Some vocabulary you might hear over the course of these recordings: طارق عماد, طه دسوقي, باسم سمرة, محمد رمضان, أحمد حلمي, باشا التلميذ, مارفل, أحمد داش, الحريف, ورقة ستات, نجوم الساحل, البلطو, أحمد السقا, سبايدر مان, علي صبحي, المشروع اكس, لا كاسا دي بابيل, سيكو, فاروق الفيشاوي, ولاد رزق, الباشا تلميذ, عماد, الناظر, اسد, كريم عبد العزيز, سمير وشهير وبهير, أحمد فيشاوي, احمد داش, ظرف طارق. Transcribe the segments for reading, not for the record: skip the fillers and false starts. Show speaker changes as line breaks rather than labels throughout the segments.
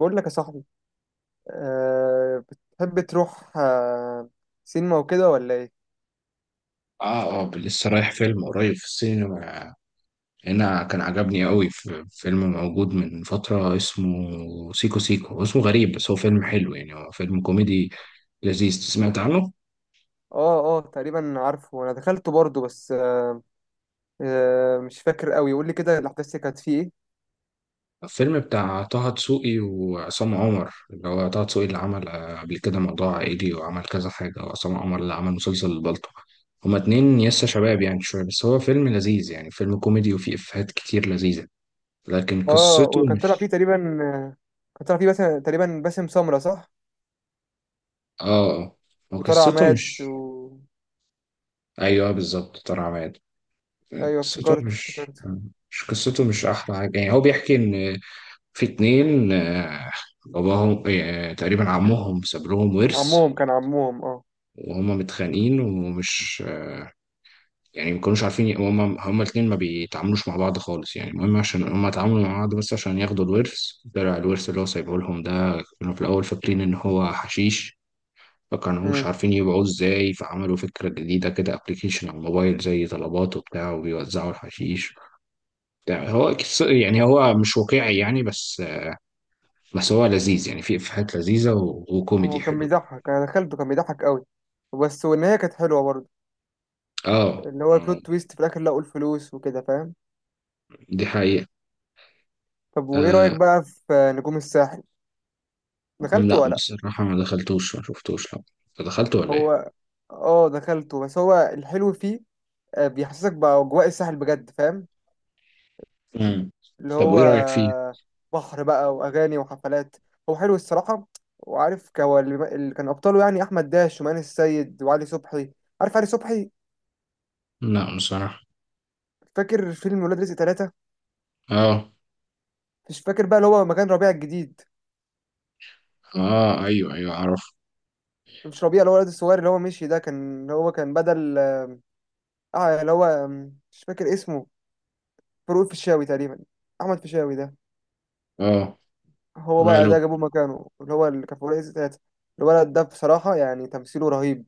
بقول لك يا صاحبي أه بتحب تروح سينما وكده ولا ايه؟
اه، اه، لسه رايح فيلم قريب في السينما هنا. كان عجبني قوي في فيلم موجود من فترة اسمه سيكو سيكو، هو اسمه غريب بس هو فيلم حلو، يعني هو فيلم كوميدي لذيذ. سمعت عنه؟
اه تقريبا عارفه، انا دخلته برضه، بس أه أه مش فاكر قوي. قول لي كده الاحداث اللي كانت فيه ايه.
الفيلم بتاع طه دسوقي وعصام عمر، اللي هو طه دسوقي اللي عمل قبل كده موضوع عائلي وعمل كذا حاجة، وعصام عمر اللي عمل مسلسل البلطو. هما اتنين يسا شباب، يعني شوية، بس هو فيلم لذيذ يعني، فيلم كوميدي وفيه إفيهات كتير لذيذة، لكن
اه
قصته
وكان طلع فيه
مش
تقريبا، آه، كان طلع فيه باسم تقريبا، باسم سمرة صح.
اه آه. هو
وطلع
قصته
عماد و...
مش، ايوه بالظبط طارق عماد،
ايوه
قصته
افتكرته
مش،
افتكرته
مش قصته، مش احلى حاجه يعني. هو بيحكي ان في اتنين باباهم تقريبا عمهم ساب لهم
كان
ورث،
عمهم كان عمهم اه.
وهما متخانقين ومش، يعني ما كانوش عارفين هما الاتنين ما بيتعاملوش مع بعض خالص، يعني المهم عشان هما اتعاملوا مع بعض بس عشان ياخدوا الورث. طلع الورث اللي هو سايبه لهم ده، كانوا في الاول فاكرين ان هو حشيش، فكانوش
امم.
عارفين يبيعوه ازاي، فعملوا فكرة جديدة كده، ابلكيشن على الموبايل زي طلبات وبتاع، وبيوزعوا الحشيش. ده هو يعني هو مش واقعي يعني، بس هو لذيذ يعني، في إفيهات لذيذة وكوميدي
هو كان
حلو.
بيضحك، انا دخلته كان بيضحك قوي، بس والنهايه كانت حلوه برضه،
اه.
اللي هو البلوت تويست في الاخر لقوا الفلوس وكده فاهم.
دي حقيقة.
طب وايه رأيك
آه.
بقى في نجوم الساحل؟ دخلته
لا
ولا لأ؟
بصراحة ما دخلتوش، ما شفتوش، لا. انت دخلته ولا ايه؟
هو اه دخلته، بس هو الحلو فيه بيحسسك بأجواء الساحل بجد فاهم،
مم.
اللي
طب
هو
وايه رأيك فيه؟
بحر بقى وأغاني وحفلات. هو حلو الصراحة. وعارف هو اللي كان أبطاله يعني أحمد داش ومان السيد وعلي صبحي، عارف علي صبحي؟
لا بصراحة.
فاكر فيلم ولاد رزق ثلاثة؟
اه.
مش فاكر بقى اللي هو مكان ربيع الجديد،
اه. ايوه ايوه اعرف.
مش ربيع اللي هو الواد الصغير اللي هو مشي ده، كان اللي هو كان بدل اللي هو مش فاكر اسمه. فاروق الفيشاوي تقريبا، أحمد فيشاوي ده.
اه.
هو بقى
ماله.
ده جابوه مكانه، اللي هو اللي كان في ورقة ستات. الولد ده بصراحة يعني تمثيله رهيب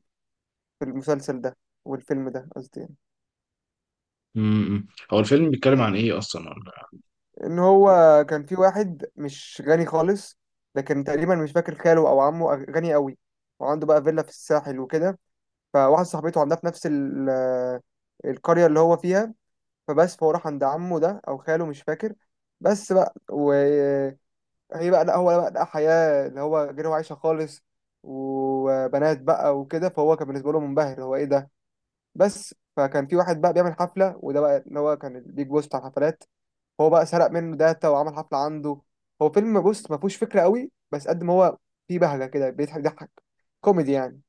في المسلسل ده، والفيلم ده قصدي يعني.
امم. هو الفيلم بيتكلم عن ايه اصلا، ولا؟
ان هو كان في واحد مش غني خالص، لكن تقريبا مش فاكر خاله او عمه غني قوي وعنده بقى فيلا في الساحل وكده. فواحد صاحبته عندها في نفس القرية اللي هو فيها. فبس فهو راح عند عمه ده او خاله مش فاكر. بس بقى هي بقى لا هو بقى لقى حياة اللي هو غير هو عايشها خالص، وبنات بقى وكده. فهو كان بالنسبة له منبهر هو ايه ده. بس فكان في واحد بقى بيعمل حفلة، وده بقى اللي هو كان البيج بوس بتاع الحفلات. هو بقى سرق منه داتا وعمل حفلة عنده. هو فيلم بص ما فيهوش فكرة قوي، بس قد ما هو فيه بهجة كده بيضحك ضحك، كوميدي يعني.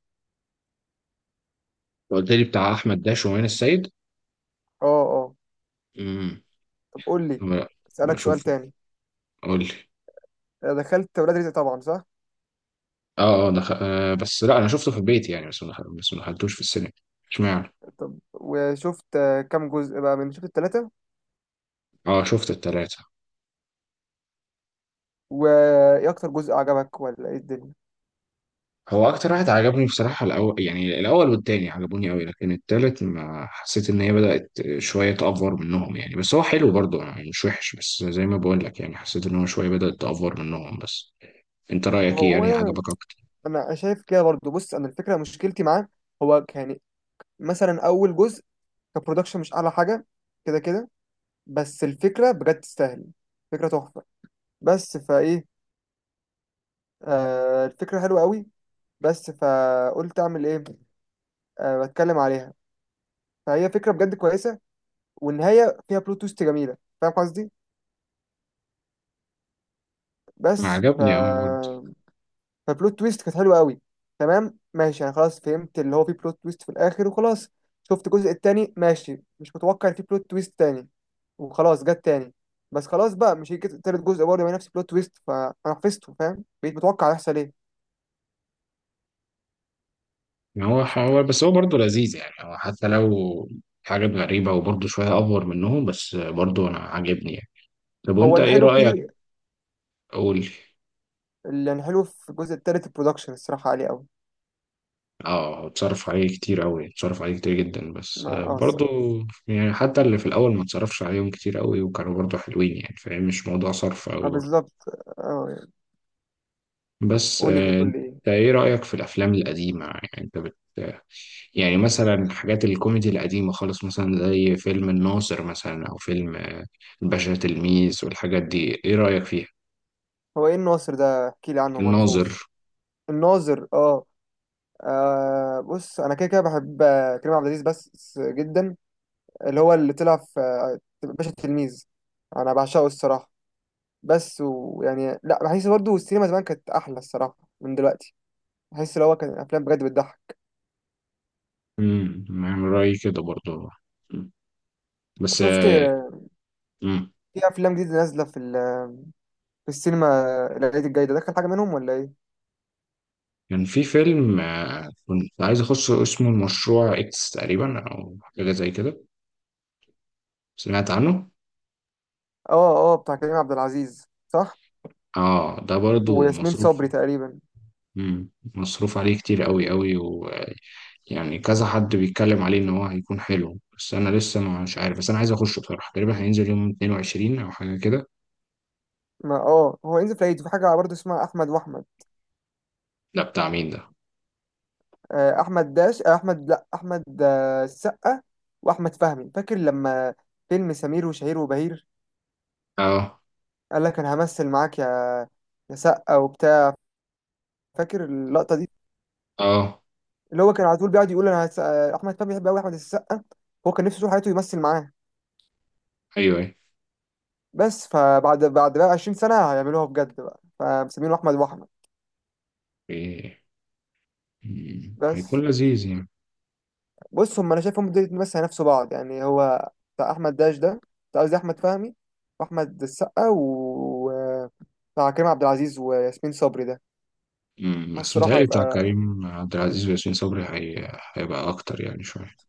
قلت لي بتاع احمد داش ومين السيد.
اه اه.
امم.
طب قول لي،
لا.
اسألك سؤال
بشوفه.
تاني.
قول لي.
دخلت ولاد رزق طبعا صح؟
اه اه بس لا، انا شفته في البيت يعني، بس ما دخل... بس ما دخلتوش في السينما. اشمعنى.
طب وشفت كام جزء بقى من شفت التلاتة؟
اه، شفت التلاتة.
وايه اكتر جزء عجبك ولا ايه الدنيا؟
هو اكتر واحد عجبني بصراحة الاول، يعني الاول والتاني عجبوني قوي، لكن التالت ما حسيت ان هي بدأت شوية تأفور منهم يعني، بس هو حلو برضه يعني، مش وحش، بس زي ما بقول لك يعني، حسيت ان هو شوية بدأت تأفور منهم بس. انت رأيك ايه؟
هو
يعني عجبك اكتر؟
انا شايف كده برضو. بص انا الفكره مشكلتي معاه، هو يعني مثلا اول جزء كبرودكشن مش اعلى حاجه، كده كده. بس الفكره بجد تستاهل، فكره تحفه. بس فايه، آه الفكره حلوه قوي. بس فقلت اعمل ايه، آه بتكلم عليها. فهي فكره بجد كويسه، والنهايه فيها بلوت تويست جميله فاهم قصدي.
ما
بس ف،
عجبني قوي برضه.
فبلوت تويست كانت حلوه قوي. تمام ماشي، انا خلاص فهمت اللي هو في بلوت تويست في الاخر وخلاص. شفت الجزء التاني ماشي، مش متوقع إن في بلوت تويست تاني، وخلاص جت تاني. بس خلاص بقى، مش هيجي تالت جزء برضه يبقى نفس بلوت تويست. فانا حفظته فاهم، بقيت متوقع هيحصل ايه.
يعني هو بس هو برضه لذيذ يعني، هو حتى لو حاجات غريبة وبرضه شوية أفور منهم، بس برضه أنا عاجبني يعني. طب
هو
وأنت إيه
الحلو
رأيك؟
فيه،
قول لي.
اللي الحلو في الجزء التالت البرودكشن الصراحه عليه قوي.
اه، اتصرف عليه كتير قوي، اتصرف عليه كتير جدا، بس
ما اه
برضو،
الصراحه.
يعني حتى اللي في الاول ما اتصرفش عليهم كتير قوي وكانوا برضو حلوين يعني فاهم، مش موضوع صرف قوي
ما
برضو.
بالظبط. اه يعني.
بس
قول لي، كنت بتقول
انت،
لي ايه.
ايه رأيك في الافلام القديمة؟ يعني انت يعني مثلا حاجات الكوميدي القديمة خالص، مثلا زي فيلم الناظر مثلا، او فيلم الباشا تلميذ والحاجات دي، ايه رأيك فيها؟
هو ايه الناظر ده احكي لي عنه ما
الناظر.
اعرفوش. الناظر اه. آه بص، انا كده كده بحب كريم عبد العزيز بس جدا، اللي هو اللي طلع في باشا التلميذ. انا بعشقه الصراحه. بس ويعني لا، بحس برضه السينما زمان كانت احلى الصراحه من دلوقتي. بحس اللي هو كان الافلام بجد بتضحك.
امم، يعني رأيي كده برضو. مم. بس.
شفت
امم.
في افلام جديده نازله في في السينما؟ العيد الجاي ده دخل حاجه منهم ولا ايه؟
كان في فيلم كنت عايز اخشه اسمه المشروع اكس، تقريبا او حاجه زي كده. سمعت عنه؟
اه اه، بتاع كريم عبد العزيز صح،
اه، ده برضو
وياسمين
مصروف.
صبري تقريبا.
مم. مصروف عليه كتير قوي قوي، ويعني كذا حد بيتكلم عليه ان هو هيكون حلو، بس انا لسه مش عارف. بس انا عايز اخشه بصراحه، تقريبا هينزل يوم 22 او حاجه كده.
ما اه، هو ينزل في العيد في حاجه برضه اسمها احمد واحمد.
لا، بتاع مين ده؟
احمد داش آه، احمد لا احمد آه، السقا، واحمد فهمي. فاكر لما فيلم سمير وشهير وبهير
اه
قال لك انا همثل معاك يا يا سقا وبتاع، فاكر اللقطه دي؟
اه
اللي هو كان على طول بيقعد يقول انا هس... آه، احمد فهمي بيحب قوي احمد السقا، هو كان نفسه طول حياته يمثل معاه.
ايوه ايوه.
بس فبعد بقى 20 سنه هيعملوها بجد بقى، فمسمينه احمد واحمد.
إيه. مم. هيكون
بس
لذيذ يعني.
بص، هم انا شايفهم دول بس هينافسوا بعض يعني. هو بتاع احمد داش ده، بتاع قصدي احمد فهمي واحمد السقا، و بتاع كريم عبد العزيز وياسمين صبري ده.
مم.
حاسس
بس
الصراحه
متهيألي بتاع
هيبقى،
كريم عبد العزيز وياسمين صبري هيبقى اكتر يعني شويه.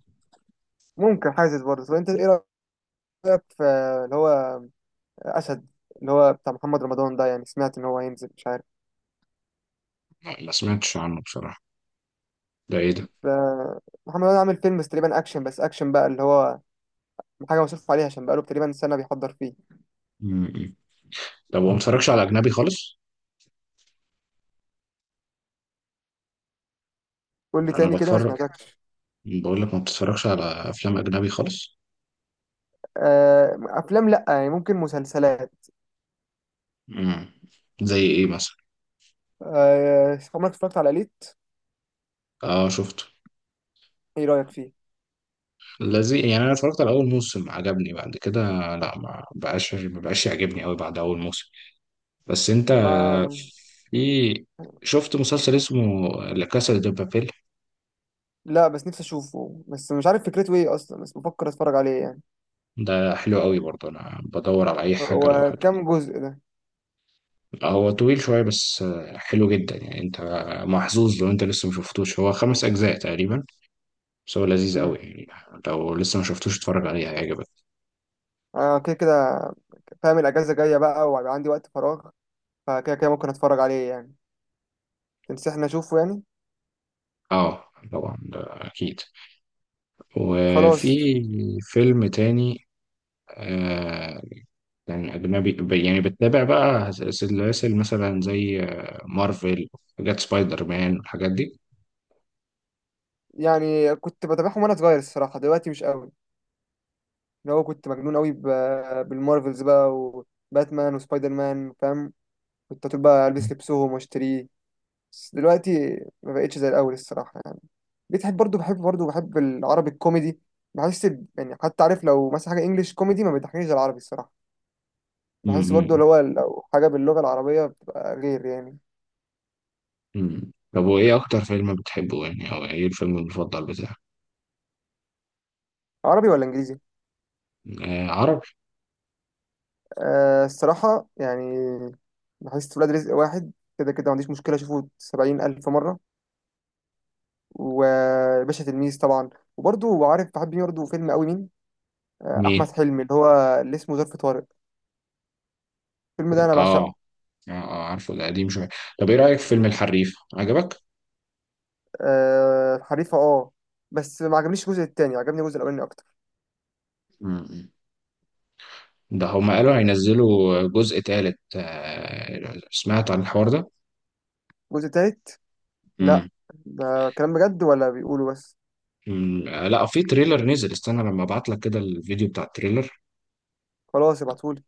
ممكن حاسس برضه. طب انت ايه رايك في اللي هو اسد، اللي هو بتاع محمد رمضان ده، يعني سمعت ان هو هينزل مش عارف.
لا، ما سمعتش عنه بصراحة. ده ايه ده؟
ف- محمد رمضان عامل فيلم بس تقريبا اكشن، بس اكشن بقى، اللي هو حاجه مصروف عليها عشان بقاله تقريبا سنه بيحضر فيه.
مم. طب وما بتتفرجش على أجنبي خالص؟
قول لي
أنا
تاني كده ما
بتفرج.
سمعتكش.
بقول لك، ما بتتفرجش على أفلام أجنبي خالص؟
افلام لا يعني، ممكن مسلسلات.
مم. زي ايه مثلا؟
عمرك اتفرجت على ليت؟
اه شفته.
ايه رأيك فيه؟
لذيذ يعني، أنا اتفرجت على أول موسم عجبني، بعد كده لا، ما بقاش ما بقاش يعجبني أوي بعد أول موسم. بس أنت،
ما
في، شفت مسلسل اسمه لا كاسا دي بابيل؟
لا، بس نفسي اشوفه، بس مش عارف فكرته ايه اصلا، بس بفكر اتفرج عليه يعني.
ده حلو أوي برضه، أنا بدور على أي حاجة لو.
هو كام جزء ده؟
هو طويل شوية بس حلو جدا يعني، انت محظوظ لو انت لسه ما شفتوش، هو خمس اجزاء تقريبا، بس هو لذيذ قوي
امم.
يعني. لو لسه ما شفتوش اتفرج عليه هيعجبك.
انا كده كده فاهم الاجازة جاية بقى وهيبقى عندي وقت فراغ، فكده كده ممكن اتفرج عليه يعني. تنصحني اشوفه يعني؟
اه طبعا، ده اكيد. وفي
خلاص.
فيلم تاني. آه، يعني اجنبي يعني بتتابع بقى سلاسل مثلا زي مارفل، حاجات سبايدر مان والحاجات دي؟
يعني كنت بتابعهم وانا صغير الصراحة، دلوقتي مش قوي. اللي هو كنت مجنون قوي بالمارفلز بقى وباتمان وسبايدر مان فاهم. كنت طول بقى البس لبسهم واشتريه. بس دلوقتي ما بقتش زي الاول الصراحه يعني. بتحب برضو، بحب العربي الكوميدي. بحس يعني حتى عارف لو مثلا حاجه انجليش كوميدي ما بيضحكنيش زي العربي الصراحه. بحس برضو
امم.
اللي هو لو حاجه باللغه العربيه بتبقى غير يعني.
امم. طب وايه اكتر فيلم بتحبه يعني، او ايه الفيلم المفضل بتاعك؟
عربي ولا انجليزي؟
آه عربي.
آه الصراحه يعني، بحس ولاد رزق واحد كده كده ما عنديش مشكله اشوفه 70,000 مره. وباشا تلميذ طبعا. وبرضو عارف بحب مين برضو فيلم قوي مين؟ آه
مين؟
احمد حلمي، اللي هو اللي اسمه ظرف طارق، الفيلم ده انا
اه.
بعشقه.
اه عارفه ده قديم شوية. طب ايه رأيك في فيلم الحريف، عجبك؟
آه حريفة اه، بس ما عجبنيش الجزء التاني، عجبني الجزء الأولاني أكتر.
مم. ده هما قالوا هينزلوا جزء تالت، سمعت عن الحوار ده؟
الجزء التالت، لأ.
مم.
ده كلام بجد ولا بيقولوا بس؟
مم. لا، في تريلر نزل، استنى لما ابعت لك كده الفيديو بتاع التريلر.
خلاص ابعتهولي